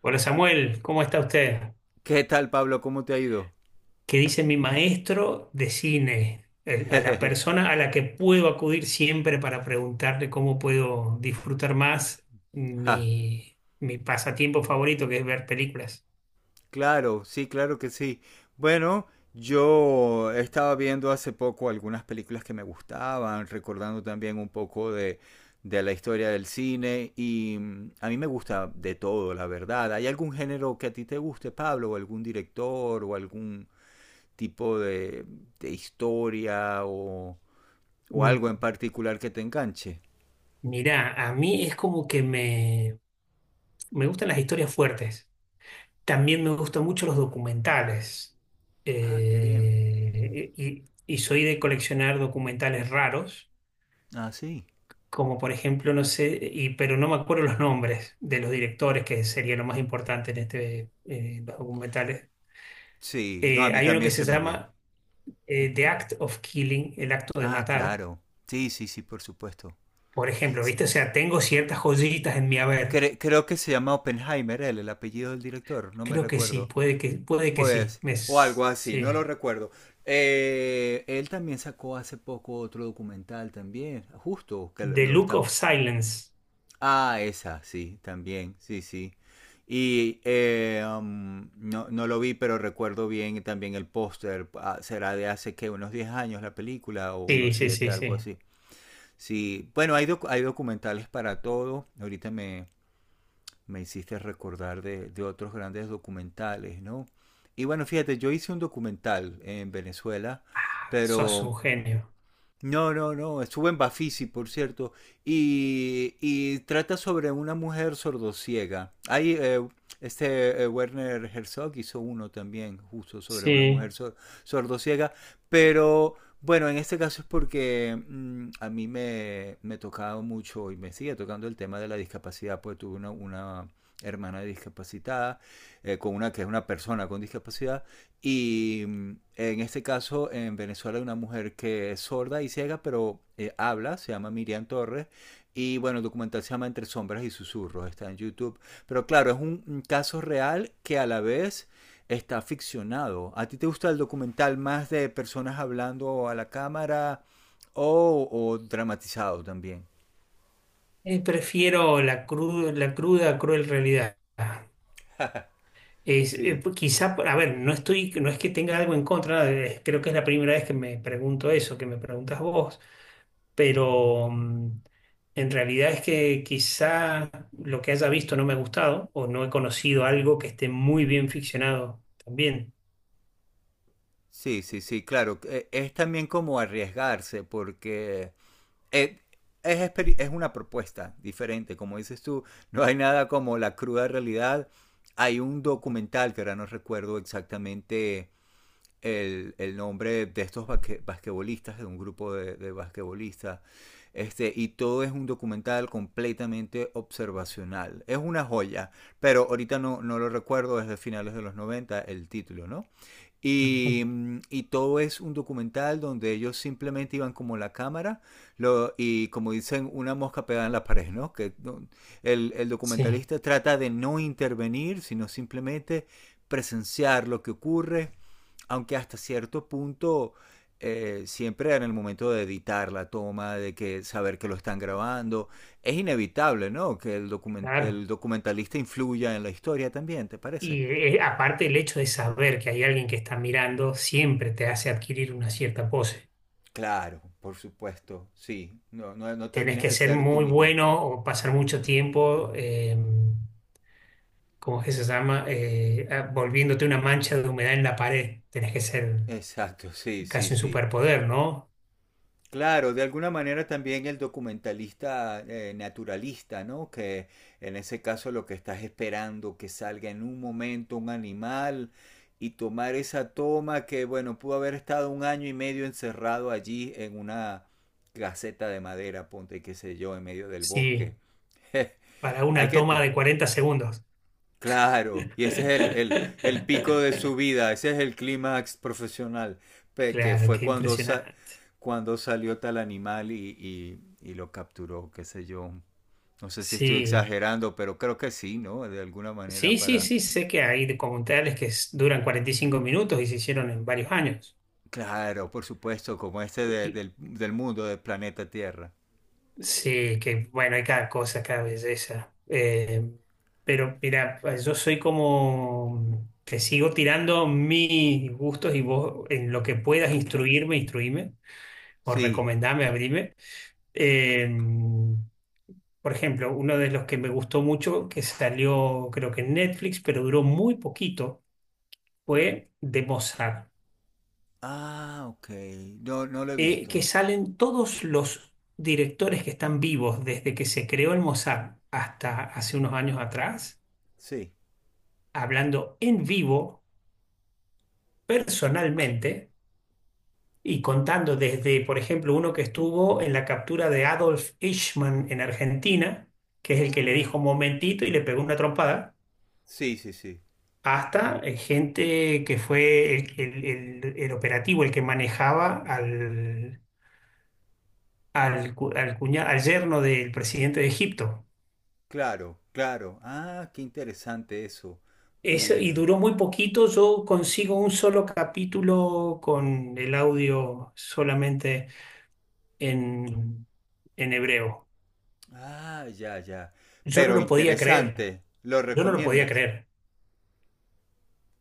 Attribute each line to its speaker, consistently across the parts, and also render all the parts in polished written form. Speaker 1: Hola Samuel, ¿cómo está usted?
Speaker 2: ¿Qué tal, Pablo? ¿Cómo te ha ido?
Speaker 1: ¿Qué dice mi maestro de cine? A la
Speaker 2: Jejeje.
Speaker 1: persona a la que puedo acudir siempre para preguntarle cómo puedo disfrutar más
Speaker 2: Ja,
Speaker 1: mi pasatiempo favorito, que es ver películas.
Speaker 2: claro, sí, claro que sí. Bueno, yo estaba viendo hace poco algunas películas que me gustaban, recordando también un poco de la historia del cine y, a mí me gusta de todo, la verdad. ¿Hay algún género que a ti te guste, Pablo? ¿O algún director o algún tipo de historia o
Speaker 1: Mm.
Speaker 2: algo en particular que te enganche?
Speaker 1: Mirá, a mí es como que me gustan las historias fuertes. También me gustan mucho los documentales.
Speaker 2: Ah, qué bien.
Speaker 1: Y soy de coleccionar documentales raros
Speaker 2: Ah, sí.
Speaker 1: como por ejemplo, no sé, y, pero no me acuerdo los nombres de los directores, que sería lo más importante en este documentales.
Speaker 2: Sí, no, a mí
Speaker 1: Hay uno
Speaker 2: también
Speaker 1: que
Speaker 2: se
Speaker 1: se
Speaker 2: me olvida.
Speaker 1: llama The
Speaker 2: Ujú.
Speaker 1: Act of Killing, el acto de
Speaker 2: Ah,
Speaker 1: matar,
Speaker 2: claro. Sí, sí, sí, por supuesto.
Speaker 1: por ejemplo,
Speaker 2: S-
Speaker 1: ¿viste? O sea, tengo ciertas joyitas en mi haber.
Speaker 2: Creo que se llama Oppenheimer, el apellido del director, no me
Speaker 1: Creo que sí,
Speaker 2: recuerdo.
Speaker 1: puede que sí.
Speaker 2: Pues, o algo así, no lo
Speaker 1: Sí.
Speaker 2: recuerdo. Él también sacó hace poco otro documental también, justo, que lo,
Speaker 1: The
Speaker 2: lo
Speaker 1: Look
Speaker 2: están...
Speaker 1: of Silence.
Speaker 2: Ah, esa, sí, también, sí, sí. Y no, no lo vi, pero recuerdo bien también el póster. Ah, será de hace qué, unos 10 años la película o
Speaker 1: Sí,
Speaker 2: unos
Speaker 1: sí,
Speaker 2: 7,
Speaker 1: sí,
Speaker 2: algo
Speaker 1: sí.
Speaker 2: así. Sí, bueno, hay documentales para todo. Ahorita me hiciste recordar de otros grandes documentales, ¿no? Y bueno, fíjate, yo hice un documental en Venezuela,
Speaker 1: Sos
Speaker 2: pero
Speaker 1: un genio.
Speaker 2: no, no, no, estuvo en Bafisi, por cierto, y trata sobre una mujer sordociega. Este Werner Herzog hizo uno también, justo sobre una
Speaker 1: Sí.
Speaker 2: mujer sordociega, pero bueno, en este caso es porque a mí me tocaba mucho y me sigue tocando el tema de la discapacidad, pues tuve una hermana discapacitada, con una que es una persona con discapacidad, y en este caso, en Venezuela hay una mujer que es sorda y ciega, pero habla, se llama Miriam Torres. Y bueno, el documental se llama Entre sombras y susurros, está en YouTube. Pero claro, es un caso real que a la vez está ficcionado. ¿A ti te gusta el documental más de personas hablando a la cámara o dramatizado también?
Speaker 1: Prefiero la cruda, cruel realidad.
Speaker 2: Sí.
Speaker 1: Quizá, a ver, no es que tenga algo en contra, nada, creo que es la primera vez que me pregunto eso, que me preguntas vos, pero en realidad es que quizá lo que haya visto no me ha gustado o no he conocido algo que esté muy bien ficcionado también.
Speaker 2: Sí, sí, sí, claro, que es también como arriesgarse porque eh, es, es una propuesta diferente, como dices tú, no hay nada como la cruda realidad. Hay un documental que ahora no recuerdo exactamente el nombre de estos basquetbolistas, de un grupo de basquetbolistas, este, y todo es un documental completamente observacional. Es una joya, pero ahorita no, no lo recuerdo desde finales de los 90 el título, ¿no?
Speaker 1: Ujú.
Speaker 2: Y todo es un documental donde ellos simplemente iban como la cámara y como dicen, una mosca pegada en la pared, ¿no? Que el
Speaker 1: Sí.
Speaker 2: documentalista trata de no intervenir, sino simplemente presenciar lo que ocurre, aunque hasta cierto punto siempre en el momento de editar la toma, de que saber que lo están grabando, es inevitable, ¿no? Que el, document-
Speaker 1: Claro.
Speaker 2: el documentalista influya en la historia también, ¿te parece?
Speaker 1: Y aparte el hecho de saber que hay alguien que está mirando siempre te hace adquirir una cierta pose.
Speaker 2: Claro, por supuesto, sí. No, no, no
Speaker 1: Tenés
Speaker 2: terminas
Speaker 1: que
Speaker 2: de
Speaker 1: ser
Speaker 2: ser tú
Speaker 1: muy
Speaker 2: mismo.
Speaker 1: bueno o pasar mucho tiempo. ¿Cómo es que se llama? Volviéndote una mancha de humedad en la pared. Tenés que ser
Speaker 2: Exacto, sí, sí,
Speaker 1: casi un
Speaker 2: sí.
Speaker 1: superpoder, ¿no?
Speaker 2: Claro, de alguna manera también el documentalista naturalista, ¿no? Que en ese caso lo que estás esperando que salga en un momento un animal y tomar esa toma que, bueno, pudo haber estado un año y medio encerrado allí en una caseta de madera, ponte qué sé yo, en medio del
Speaker 1: Sí,
Speaker 2: bosque.
Speaker 1: para
Speaker 2: Hay
Speaker 1: una
Speaker 2: que
Speaker 1: toma
Speaker 2: te-
Speaker 1: de 40 segundos.
Speaker 2: Claro, y ese es el pico de su vida, ese es el clímax profesional, que
Speaker 1: Claro,
Speaker 2: fue
Speaker 1: qué
Speaker 2: cuando,
Speaker 1: impresionante.
Speaker 2: cuando salió tal animal y lo capturó, qué sé yo. No sé si estoy
Speaker 1: Sí,
Speaker 2: exagerando, pero creo que sí, ¿no? De alguna manera
Speaker 1: sí, sí,
Speaker 2: para...
Speaker 1: sí, sé que hay documentales que duran 45 minutos y se hicieron en varios años.
Speaker 2: Claro, por supuesto, como este de-
Speaker 1: Y,
Speaker 2: del, del mundo, del planeta Tierra.
Speaker 1: sí, que bueno, hay cada cosa, cada belleza. Pero mira, pues, yo soy como, te sigo tirando mis gustos y vos en lo que puedas instruíme o
Speaker 2: Sí.
Speaker 1: recomendame, abrime. Eh, por ejemplo, uno de los que me gustó mucho, que salió creo que en Netflix, pero duró muy poquito, fue de Mozart,
Speaker 2: Ah, ok. No, no lo he visto.
Speaker 1: que salen todos los directores que están vivos desde que se creó el Mozart hasta hace unos años atrás
Speaker 2: Sí.
Speaker 1: hablando en vivo, personalmente, y contando desde, por ejemplo, uno que estuvo en la captura de Adolf Eichmann en Argentina, que es el que le
Speaker 2: Ah.
Speaker 1: dijo un momentito y le pegó una trompada,
Speaker 2: Sí, sí, sí.
Speaker 1: hasta gente que fue el operativo, el que manejaba al, al, cu- al cuña- al yerno del presidente de Egipto.
Speaker 2: Claro, claro. Ah, qué interesante eso.
Speaker 1: Eso,
Speaker 2: Y,
Speaker 1: y duró muy poquito, yo consigo un solo capítulo con el audio solamente en, en hebreo.
Speaker 2: ah, ya, ya.
Speaker 1: Yo no
Speaker 2: Pero
Speaker 1: lo podía creer,
Speaker 2: interesante. ¿Lo
Speaker 1: yo no lo podía
Speaker 2: recomiendas?
Speaker 1: creer.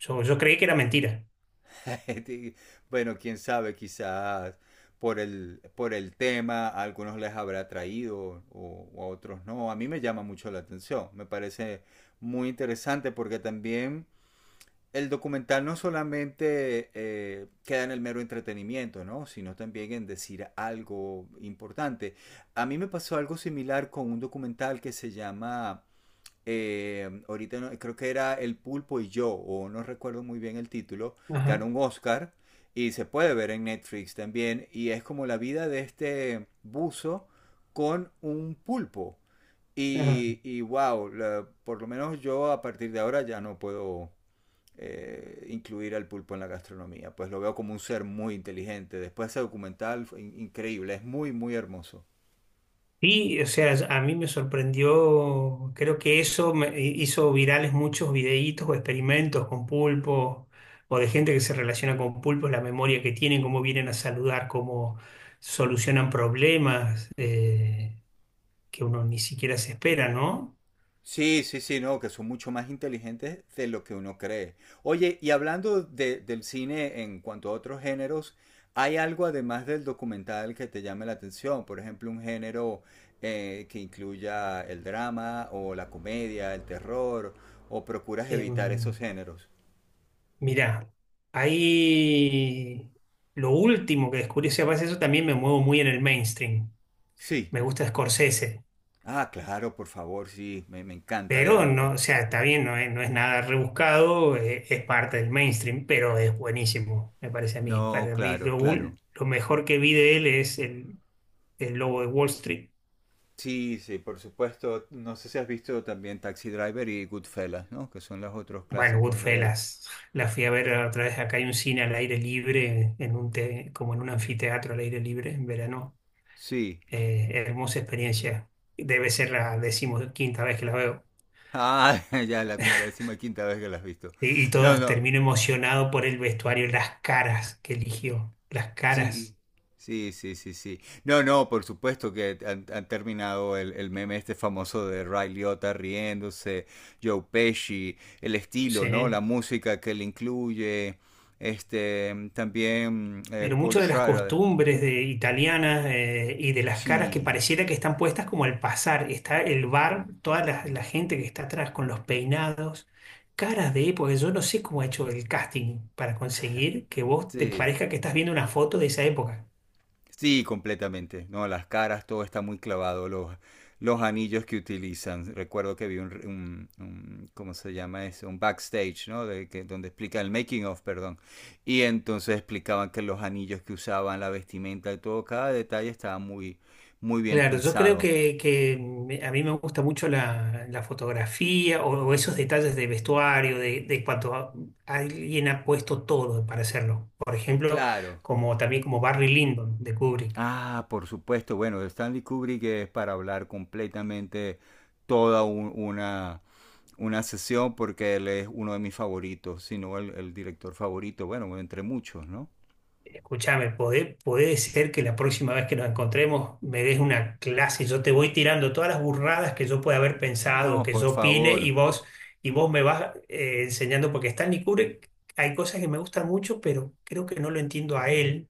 Speaker 1: Yo creí que era mentira.
Speaker 2: Di- Bueno, quién sabe, quizás por el tema a algunos les habrá atraído o a otros no. A mí me llama mucho la atención. Me parece muy interesante porque también el documental no solamente queda en el mero entretenimiento, ¿no? Sino también en decir algo importante. A mí me pasó algo similar con un documental que se llama, ahorita no- creo que era El pulpo y yo, o no recuerdo muy bien el título, ganó
Speaker 1: Ajá,
Speaker 2: un Oscar y se puede ver en Netflix también, y es como la vida de este buzo con un pulpo.
Speaker 1: ajá.
Speaker 2: Y, wow, por lo menos yo a partir de ahora ya no puedo incluir al pulpo en la gastronomía. Pues lo veo como un ser muy inteligente. Después ese documental, fue increíble, es muy, muy hermoso.
Speaker 1: Y, o sea, a mí me sorprendió, creo que eso me hizo virales muchos videitos o experimentos con pulpo o de gente que se relaciona con pulpos, la memoria que tienen, cómo vienen a saludar, cómo solucionan problemas que uno ni siquiera se espera, ¿no?
Speaker 2: Sí, sí, sí, no, que son mucho más inteligentes de lo que uno cree. Oye, y hablando del cine en cuanto a otros géneros, ¿hay algo además del documental que te llame la atención? Por ejemplo, un género que incluya el drama o la comedia, el terror, o procuras evitar esos
Speaker 1: Em,
Speaker 2: géneros.
Speaker 1: mirá, ahí lo último que descubrí, o sea, pasa eso también me muevo muy en el mainstream.
Speaker 2: Sí.
Speaker 1: Me gusta Scorsese,
Speaker 2: Ah, claro, por favor, sí, me encanta
Speaker 1: pero
Speaker 2: él.
Speaker 1: no, o sea, está bien, no es nada rebuscado, es, parte del mainstream, pero es buenísimo, me parece a mí.
Speaker 2: No,
Speaker 1: Para mí
Speaker 2: claro,
Speaker 1: lo,
Speaker 2: claro.
Speaker 1: lo mejor que vi de él es el Lobo de Wall Street.
Speaker 2: Sí, sí, por supuesto. No sé si has visto también Taxi Driver y Goodfellas, ¿no? Que son los otros
Speaker 1: Bueno,
Speaker 2: clásicos de él.
Speaker 1: Goodfellas, la fui a ver otra vez, acá hay un cine al aire libre, en un como en un anfiteatro al aire libre en verano.
Speaker 2: Sí.
Speaker 1: Hermosa experiencia. Debe ser la decimoquinta vez que la veo.
Speaker 2: Ah, ya, como la 15.ª vez que la has visto.
Speaker 1: Y
Speaker 2: No,
Speaker 1: todas
Speaker 2: no.
Speaker 1: termino emocionado por el vestuario, las caras que eligió, las
Speaker 2: Sí,
Speaker 1: caras,
Speaker 2: sí, sí, sí, sí. No, no, por supuesto que han terminado el meme este famoso de Ray Liotta riéndose, Joe Pesci, el estilo, ¿no? La
Speaker 1: sí.
Speaker 2: música que le incluye, este, también
Speaker 1: Pero
Speaker 2: Paul
Speaker 1: mucho de las
Speaker 2: Schrader.
Speaker 1: costumbres de italianas y de las caras que
Speaker 2: Sí,
Speaker 1: pareciera que están puestas como al pasar. Está el bar, la gente que está atrás con los peinados, caras de época. Yo no sé cómo ha hecho el casting para conseguir que vos te
Speaker 2: sí.
Speaker 1: parezca que estás viendo una foto de esa época.
Speaker 2: Sí, completamente. No, las caras, todo está muy clavado, los anillos que utilizan. Recuerdo que vi, ¿cómo se llama eso? Un backstage, ¿no? Donde explican el making of, perdón. Y entonces explicaban que los anillos que usaban, la vestimenta y todo, cada detalle estaba muy, muy bien
Speaker 1: Claro, yo creo
Speaker 2: pensado.
Speaker 1: que, a mí me gusta mucho la fotografía o esos detalles de vestuario, de cuando alguien ha puesto todo para hacerlo. Por ejemplo,
Speaker 2: Claro.
Speaker 1: como Barry Lyndon de Kubrick.
Speaker 2: Ah, por supuesto. Bueno, Stanley Kubrick es para hablar completamente toda una sesión porque él es uno de mis favoritos, si no el director favorito, bueno, entre muchos, ¿no?
Speaker 1: Escúchame, puede ser que la próxima vez que nos encontremos me des una clase, yo te voy tirando todas las burradas que yo pueda haber pensado,
Speaker 2: No,
Speaker 1: que
Speaker 2: por
Speaker 1: yo opine
Speaker 2: favor.
Speaker 1: y vos me vas enseñando, porque Stanley Kubrick, hay cosas que me gustan mucho, pero creo que no lo entiendo a él.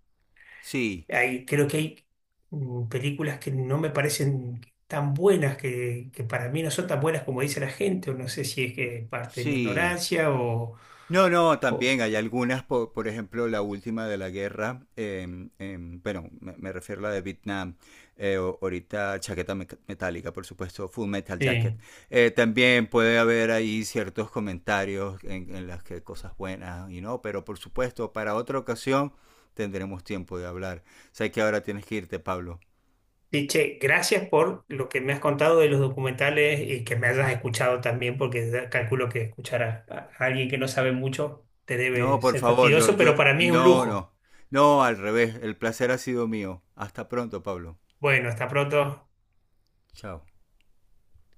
Speaker 2: Sí,
Speaker 1: Hay, creo que hay películas que no me parecen tan buenas, que para mí no son tan buenas como dice la gente, o no sé si es que es parte de mi
Speaker 2: sí.
Speaker 1: ignorancia
Speaker 2: No, no,
Speaker 1: o-
Speaker 2: también hay algunas, por ejemplo, la última de la guerra, bueno, me refiero a la de Vietnam, ahorita chaqueta metálica, por supuesto, Full Metal Jacket.
Speaker 1: sí.
Speaker 2: También puede haber ahí ciertos comentarios en las que cosas buenas y no, pero por supuesto, para otra ocasión tendremos tiempo de hablar. Sé que ahora tienes que irte, Pablo.
Speaker 1: Sí, che, gracias por lo que me has contado de los documentales y que me hayas escuchado también, porque calculo que escuchar a alguien que no sabe mucho te
Speaker 2: No,
Speaker 1: debe
Speaker 2: por
Speaker 1: ser
Speaker 2: favor, yo,
Speaker 1: fastidioso,
Speaker 2: yo,
Speaker 1: pero para mí es un
Speaker 2: no,
Speaker 1: lujo.
Speaker 2: no, no, al revés, el placer ha sido mío. Hasta pronto, Pablo.
Speaker 1: Bueno, hasta pronto.
Speaker 2: Chao.